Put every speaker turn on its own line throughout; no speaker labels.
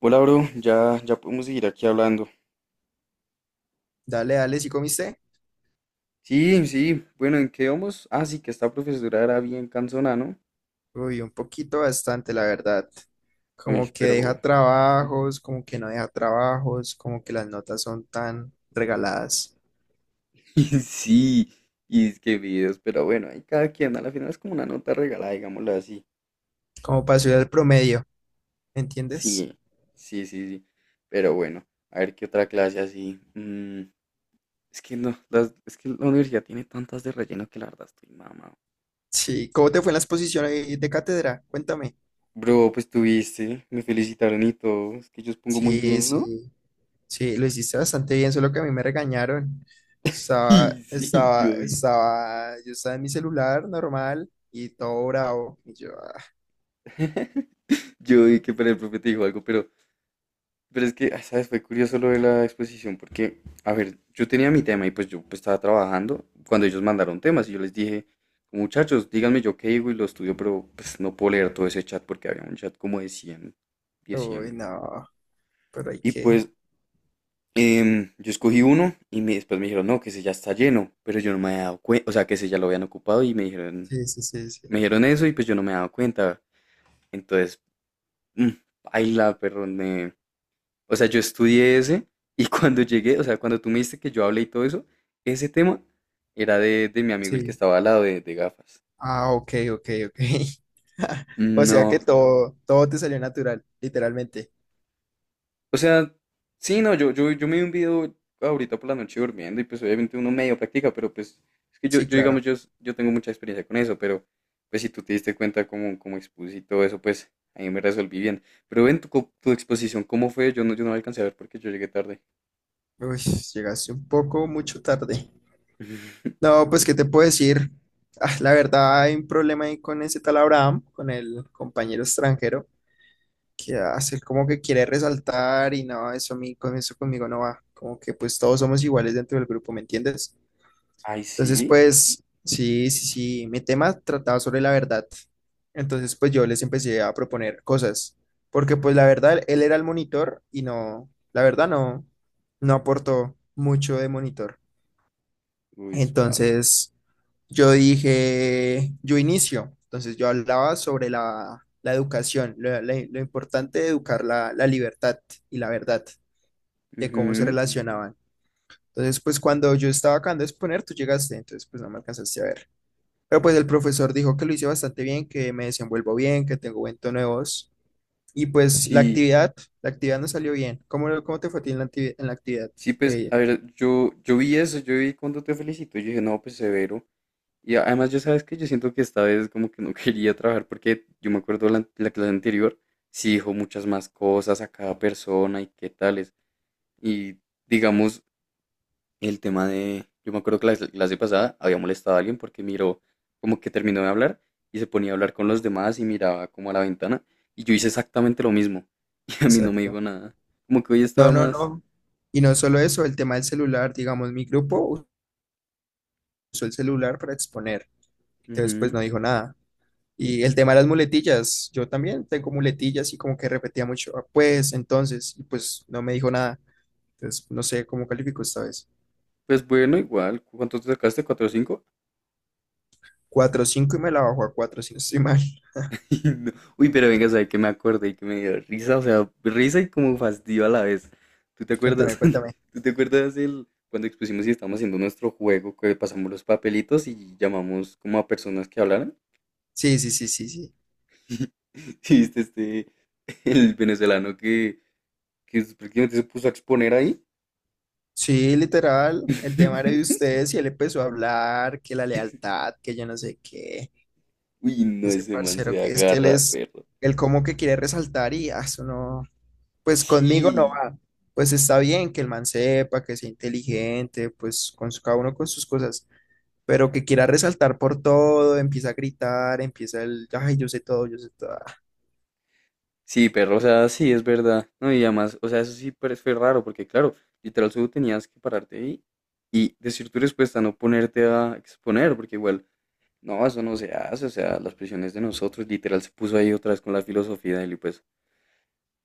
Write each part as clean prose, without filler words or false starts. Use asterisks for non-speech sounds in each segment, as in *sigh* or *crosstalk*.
Hola, bro, ya podemos seguir aquí hablando.
Dale, dale, ¿sí comiste?
Sí, sí, bueno, ¿en qué vamos? Ah, sí, que esta profesora era bien cansona, ¿no?
Uy, un poquito bastante, la verdad.
Uy,
Como que
pero...
deja trabajos, como que no deja trabajos, como que las notas son tan regaladas,
*laughs* Sí, y es que videos, pero bueno, ahí cada quien, a la final es como una nota regalada, digámoslo así.
como para subir al promedio, ¿me entiendes?
Sí, sí, sí, sí, pero bueno, a ver qué otra clase así. Es que no, es que la universidad tiene tantas de relleno que la verdad estoy mamado.
Sí, ¿cómo te fue en la exposición ahí de cátedra? Cuéntame.
Bro, pues tuviste, me felicitaron y todo, es que yo pongo muy
Sí,
bien, ¿no?
sí,
*laughs*
sí, lo hiciste bastante bien, solo que a mí me regañaron.
Sí, sí, yo vi.
Yo estaba en mi celular normal y todo bravo. Y yo, ah,
Yo vi que para el profe te dijo algo, pero es que, ah, ¿sabes? Fue curioso lo de la exposición, porque, a ver, yo tenía mi tema y pues yo pues, estaba trabajando cuando ellos mandaron temas y yo les dije, muchachos, díganme yo qué digo y lo estudio, pero pues no puedo leer todo ese chat porque había un chat como de 100 10,
uy,
100.
no, pero hay
Y
que.
pues yo escogí uno y me, después me dijeron, no, que ese ya está lleno, pero yo no me había dado cuenta, o sea, que ese ya lo habían ocupado y
Sí, sí, sí, sí.
me dijeron eso y pues yo no me había dado cuenta. Entonces, mm, paila, perro, me, o sea, yo estudié ese y *laughs* cuando llegué, o sea, cuando tú me dijiste que yo hablé y todo eso, ese tema era de mi amigo el que
Sí.
estaba al lado de gafas.
Ah, ok, ok, ok. *laughs* O sea que
No.
todo, todo te salió natural, literalmente.
O sea, sí, no, yo me vi un video ahorita por la noche durmiendo y pues obviamente uno medio practica, pero pues es que yo,
Sí,
yo digamos,
claro.
yo tengo mucha experiencia con eso, pero pues si tú te diste cuenta cómo expuse y todo eso, pues ahí me resolví bien. Pero ven, tu exposición, ¿cómo fue? Yo no, yo no la alcancé a ver porque yo llegué tarde.
Uy, llegaste un poco mucho tarde.
*laughs*
No, pues, ¿qué te puedo decir? Ah, la verdad, hay un problema ahí con ese tal Abraham, con el compañero extranjero, que hace como que quiere resaltar y no, eso a mí, con eso conmigo no va. Como que pues todos somos iguales dentro del grupo, ¿me entiendes?
Ay,
Entonces,
sí.
pues, sí, sí, sí, mi tema trataba sobre la verdad. Entonces, pues yo les empecé a proponer cosas, porque pues la verdad, él era el monitor y no, la verdad no, no aportó mucho de monitor.
Uy, suave.
Entonces, yo dije, yo inicio. Entonces, yo hablaba sobre la educación, lo importante de educar la libertad y la verdad, de cómo se
Ujú.
relacionaban. Entonces, pues cuando yo estaba acabando de exponer, tú llegaste, entonces pues no me alcanzaste a ver. Pero pues el profesor dijo que lo hice bastante bien, que me desenvuelvo bien, que tengo buen tono de voz. Y pues la
Sí.
actividad, la actividad no salió bien. ¿Cómo te fue a ti en la actividad? ¿En la actividad?
Sí, pues, a
Que-
ver, yo vi eso, yo vi cuando te felicito, y yo dije, no, pues severo. Y además, yo sabes que yo siento que esta vez como que no *laughs* quería trabajar porque yo me acuerdo la clase anterior, sí dijo muchas más cosas a cada persona y qué tales. Y digamos, el tema de, yo me acuerdo que la clase pasada había molestado a alguien porque miró como que terminó de hablar y se ponía a hablar con los demás y miraba como a la ventana. Y yo hice exactamente lo mismo. *laughs* Y a mí no me
exacto.
dijo nada. Como que hoy
No,
estaba
no,
más...
no. Y no solo eso, el tema del celular, digamos, mi grupo usó el celular para exponer. Entonces pues
Ujú.
no dijo nada. Y el tema de las muletillas, yo también tengo muletillas y como que repetía mucho, "Ah, pues entonces, y pues no me dijo nada". Entonces no sé cómo calificó esta vez.
Pues bueno, igual. ¿Cuánto te sacaste? ¿Cuatro o cinco?
4.5 y me la bajó a 4 si no estoy mal.
*laughs* No. Uy, pero venga, ¿sabes qué me acordé y que me dio risa? O sea, risa y como fastidio a la vez. ¿Tú te
*laughs* Cuéntame,
acuerdas?
cuéntame.
*laughs* ¿Tú te acuerdas el cuando expusimos y estábamos haciendo nuestro juego que pasamos los papelitos y llamamos como a personas que hablaran?
Sí, sí, sí, sí, sí.
*laughs* ¿Sí viste este, el venezolano que prácticamente se puso a exponer ahí?
Sí, literal, el tema era de
*laughs*
ustedes y él empezó a hablar que la lealtad, que yo no sé qué,
Uy, no,
ese
ese man
parcero
se
que es que él
agarra,
es,
perro.
él como que quiere resaltar y ah, eso no, pues conmigo no
Sí.
va. Pues está bien que el man sepa, que sea inteligente, pues cada uno con sus cosas, pero que quiera resaltar por todo, empieza a gritar, empieza el, ay, yo sé todo, yo sé todo. Ah,
Sí, perro, o sea, sí, es verdad. No, y además, o sea, eso sí pero fue raro, porque claro, literal, solo tenías que pararte ahí y decir tu respuesta, no ponerte a exponer, porque igual, no, eso no se hace, o sea, las prisiones de nosotros, literal, se puso ahí otra vez con la filosofía de él y pues,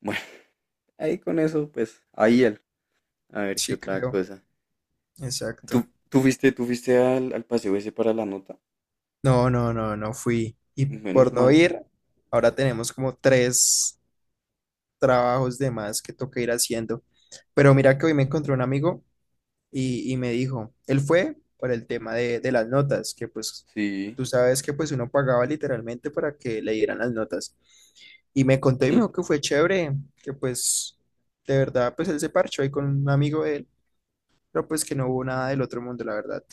bueno, *laughs* ahí con eso, pues, ahí él. A ver, qué
sí,
otra
creo,
cosa. ¿Tú,
exacto.
tú fuiste al, al paseo ese para la nota?
No, no, no, no fui. Y
Menos
por no
mal,
ir, ahora tenemos como tres trabajos de más que toca ir haciendo. Pero mira que hoy me encontré un amigo y me dijo, él fue por el tema de las notas, que pues
sí.
tú sabes que pues uno pagaba literalmente para que le dieran las notas. Y me contó y me dijo que fue chévere, que pues de verdad pues él se parchó ahí con un amigo de él, pero pues que no hubo nada del otro mundo, la verdad,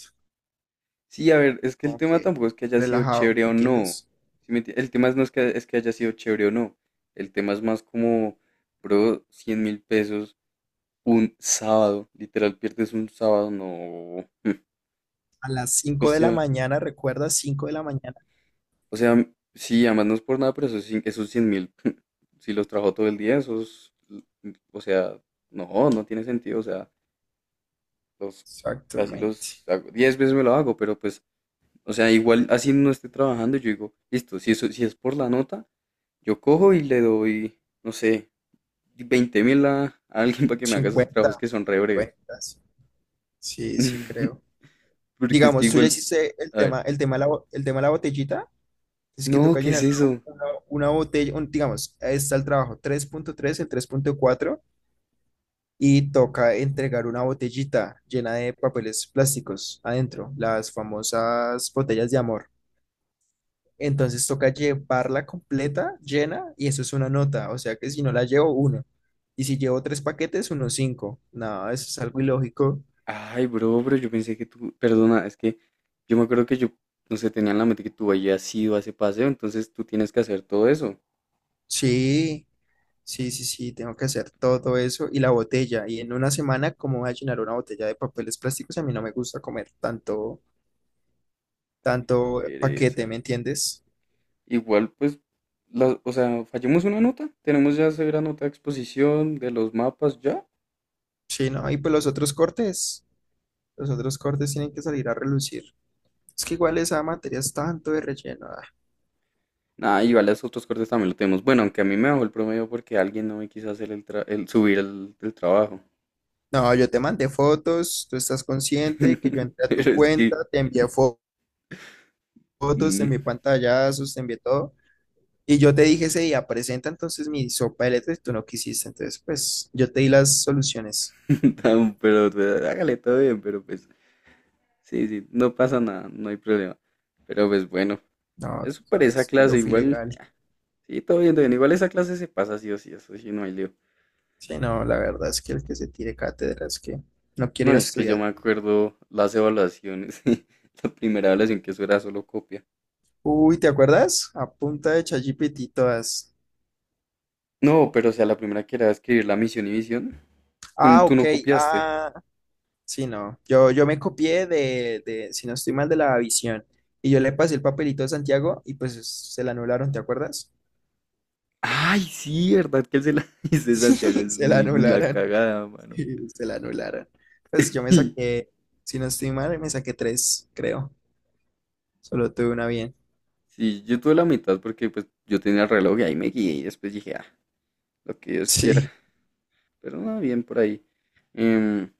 Sí, a ver, es que el
como
tema
que
tampoco es que haya sido
relajado,
chévere
¿me
o no.
entiendes?
¿Sí me enti- el tema es no es que, es que haya sido chévere o no. El tema es más como, bro, 100.000 pesos un sábado. Literal, pierdes un sábado, no.
A las
O
5 de la
sea,
mañana, recuerda, 5 de la mañana.
o sea, sí, además no es por nada, pero esos, esos 100.000, *laughs* si los trajo todo el día, esos, o sea, no, no tiene sentido. O sea, los, casi los
Exactamente.
hago. 10 veces me lo hago, pero pues, o sea, igual así no esté trabajando, yo digo, listo, si, eso, si es por la nota. Yo cojo y le doy, no sé, 20.000 a alguien para que me haga esos trabajos
50
que son re breves.
50. Sí, sí, sí,
*laughs*
creo.
Porque es que
Digamos, tú ya
igual,
hiciste
a ver,
el tema de la botellita. Es que
no,
toca
¿qué es
llenar
eso?
una botella, digamos, ahí está el trabajo 3.3 el 3.4 y toca entregar una botellita llena de papeles plásticos adentro, las famosas botellas de amor. Entonces toca llevarla completa, llena, y eso es una nota. O sea que si no la llevo, uno. Y si llevo tres paquetes, 1.5. No, eso es algo ilógico.
Ay, bro, pero yo pensé que tú, perdona, es que yo me acuerdo que yo, no sé, tenía en la mente que tú habías ido a ese paseo, entonces tú tienes que hacer todo eso.
Sí, sí, sí, sí, tengo que hacer todo eso y la botella. Y en una semana, ¿cómo voy a llenar una botella de papeles plásticos? A mí no me gusta comer tanto,
Qué
tanto paquete,
pereza.
¿me entiendes?
Igual, pues, o sea, fallamos una nota, tenemos ya severa nota de exposición de los mapas, ya.
Sí, no, y pues los otros cortes tienen que salir a relucir. Es que igual esa materia es tanto de relleno.
Ah, igual los otros cortes también lo tenemos. Bueno, aunque a mí me bajó el promedio porque alguien no me quiso hacer el, el subir el trabajo.
No, yo te mandé fotos, tú estás consciente que yo entré
*laughs*
a
Pero
tu
es
cuenta,
que,
te envié fotos, te
mm,
envié pantallazos, te envié todo. Y yo te dije ese día, presenta entonces mi sopa de letras y tú no quisiste. Entonces, pues yo te di las soluciones.
*laughs* pero pues, hágale todo bien, pero pues, sí, sí, no pasa nada, no hay problema. Pero pues bueno,
No, tú
eso para esa
sabes que yo
clase
fui
igual,
legal.
sí, todo bien, todo bien. Igual esa clase se pasa sí o sí, eso sí, no hay lío.
Sí, no, la verdad es que el que se tire cátedra es que no quiere
No,
ir a
es que yo
estudiar.
me acuerdo las evaluaciones. *laughs* La primera evaluación que eso era solo copia.
Uy, ¿te acuerdas? A punta de ChatGPT todas.
No, pero o sea, la primera que era escribir la misión y visión. ¿Tú,
Ah,
tú
ok.
no copiaste?
Ah, sí, no. Yo me copié de, si no estoy mal, de la visión. Y yo le pasé el papelito a Santiago y pues se la anularon, ¿te acuerdas?
Ay, sí, ¿verdad que él se la *laughs*
*laughs*
dice Santiago? Es
Se la
muy una
anularon.
cagada, mano.
*laughs* Se la anularon. Pues yo me
*laughs*
saqué, si no estoy mal, me saqué tres, creo. Solo tuve una bien.
Sí, yo tuve la mitad porque pues yo tenía el reloj y ahí me guié y después dije, ah, lo que Dios quiera.
Sí.
Pero no, bien por ahí. Em,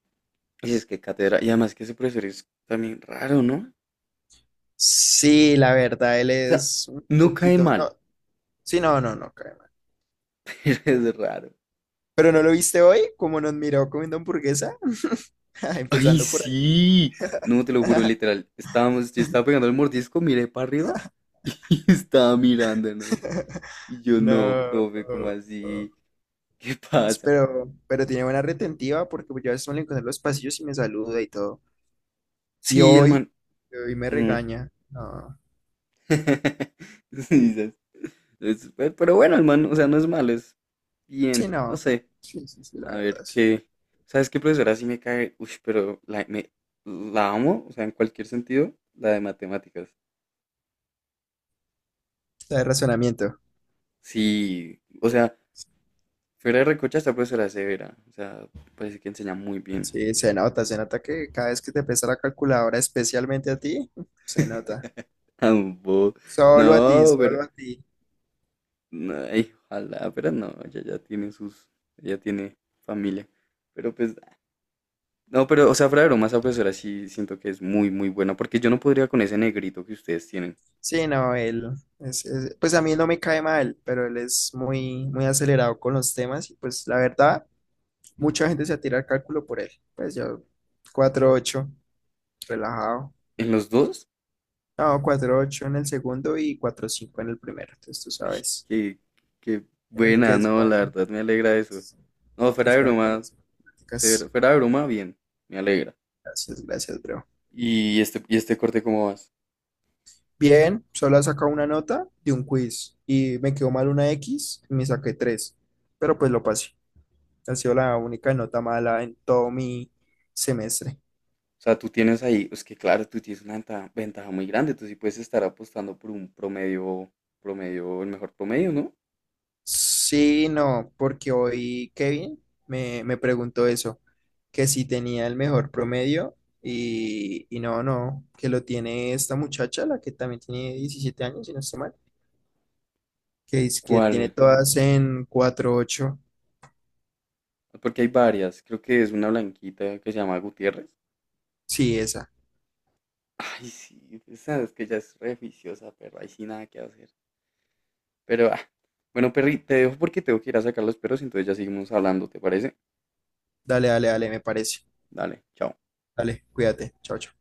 y es que cátedra, y además que ese profesor es también raro, ¿no? O
Sí, la verdad, él
sea,
es un
no cae
poquito.
mal,
No, sí, no, no, no, cae mal.
*laughs* pero es raro.
Pero no lo viste hoy, como nos miró comiendo hamburguesa, *laughs*
Ay,
empezando por ahí.
sí. No, te lo juro, literal. Estábamos, yo estaba pegando el mordisco, miré para arriba *laughs* y estaba mirándonos.
*laughs*
Y yo, no,
No.
profe, ¿cómo así? ¿Qué
Pues,
pasa?
pero tiene buena retentiva porque pues, yo a veces me lo encuentro en los pasillos y me saluda y todo. Y
Sí, el
hoy,
man.
hoy me
mm.
regaña. No.
*laughs* Sí, ¿sabes? Pero bueno, el man, o sea, no es malo, es
Sí,
bien, no
no.
sé.
Sí, sí, sí, la
A ver
verdad. Sí.
qué. ¿Sabes qué profesora sí me cae? Uy, la amo, o sea, en cualquier sentido, la de matemáticas.
De razonamiento.
Sí, o sea, fuera de recocha, esta profesora es severa, o sea, parece que enseña muy bien.
Sí, se nota que cada vez que te pesa la calculadora, especialmente a ti, se nota.
*laughs* Ambo.
Solo a ti,
No, pero.
solo a ti.
No, ay, ojalá, pero no, ella ya tiene sus. Ella tiene familia. Pero pues no, pero, o sea, fuera de broma, esa profesora sí siento que es muy, muy buena, porque yo no podría con ese negrito que ustedes tienen.
Sí, no, él pues a mí no me cae mal, pero él es muy, muy acelerado con los temas y pues la verdad, mucha gente se atira al cálculo por él. Pues yo, 4.8 relajado.
¿En los dos?
No, 4.8 en el segundo y 4.5 en el primero. Entonces tú
Ay,
sabes
qué, qué
el
buena, no, la verdad, me alegra eso. No,
que
fuera
es
de
bueno para
broma,
las matemáticas.
fuera de broma, bien, me alegra.
Gracias, gracias, bro.
¿Y este, este corte cómo vas?
Bien, solo he sacado una nota de un quiz y me quedó mal una X y me saqué 3 pero pues lo pasé. Ha sido la única nota mala en todo mi semestre.
O sea, tú tienes ahí, es que claro, tú tienes una ventaja muy grande, tú sí puedes estar apostando por un promedio, el mejor promedio, ¿no?
Sí, no, porque hoy Kevin me preguntó eso, que si tenía el mejor promedio y no, no, que lo tiene esta muchacha, la que también tiene 17 años, si no estoy mal, que es que tiene
¿Cuál?
todas en 4.8.
Porque hay varias, creo que es una blanquita que se llama Gutiérrez.
Sí, esa.
Ay, sí, pues, sabes que ya es re juiciosa, perro. Ahí sí nada que hacer. Pero, ah, bueno, Perry, te dejo porque tengo que ir a sacar los perros, entonces ya seguimos hablando, ¿te parece?
Dale, dale, dale, me parece.
Dale, chao.
Dale, cuídate. Chao, chao.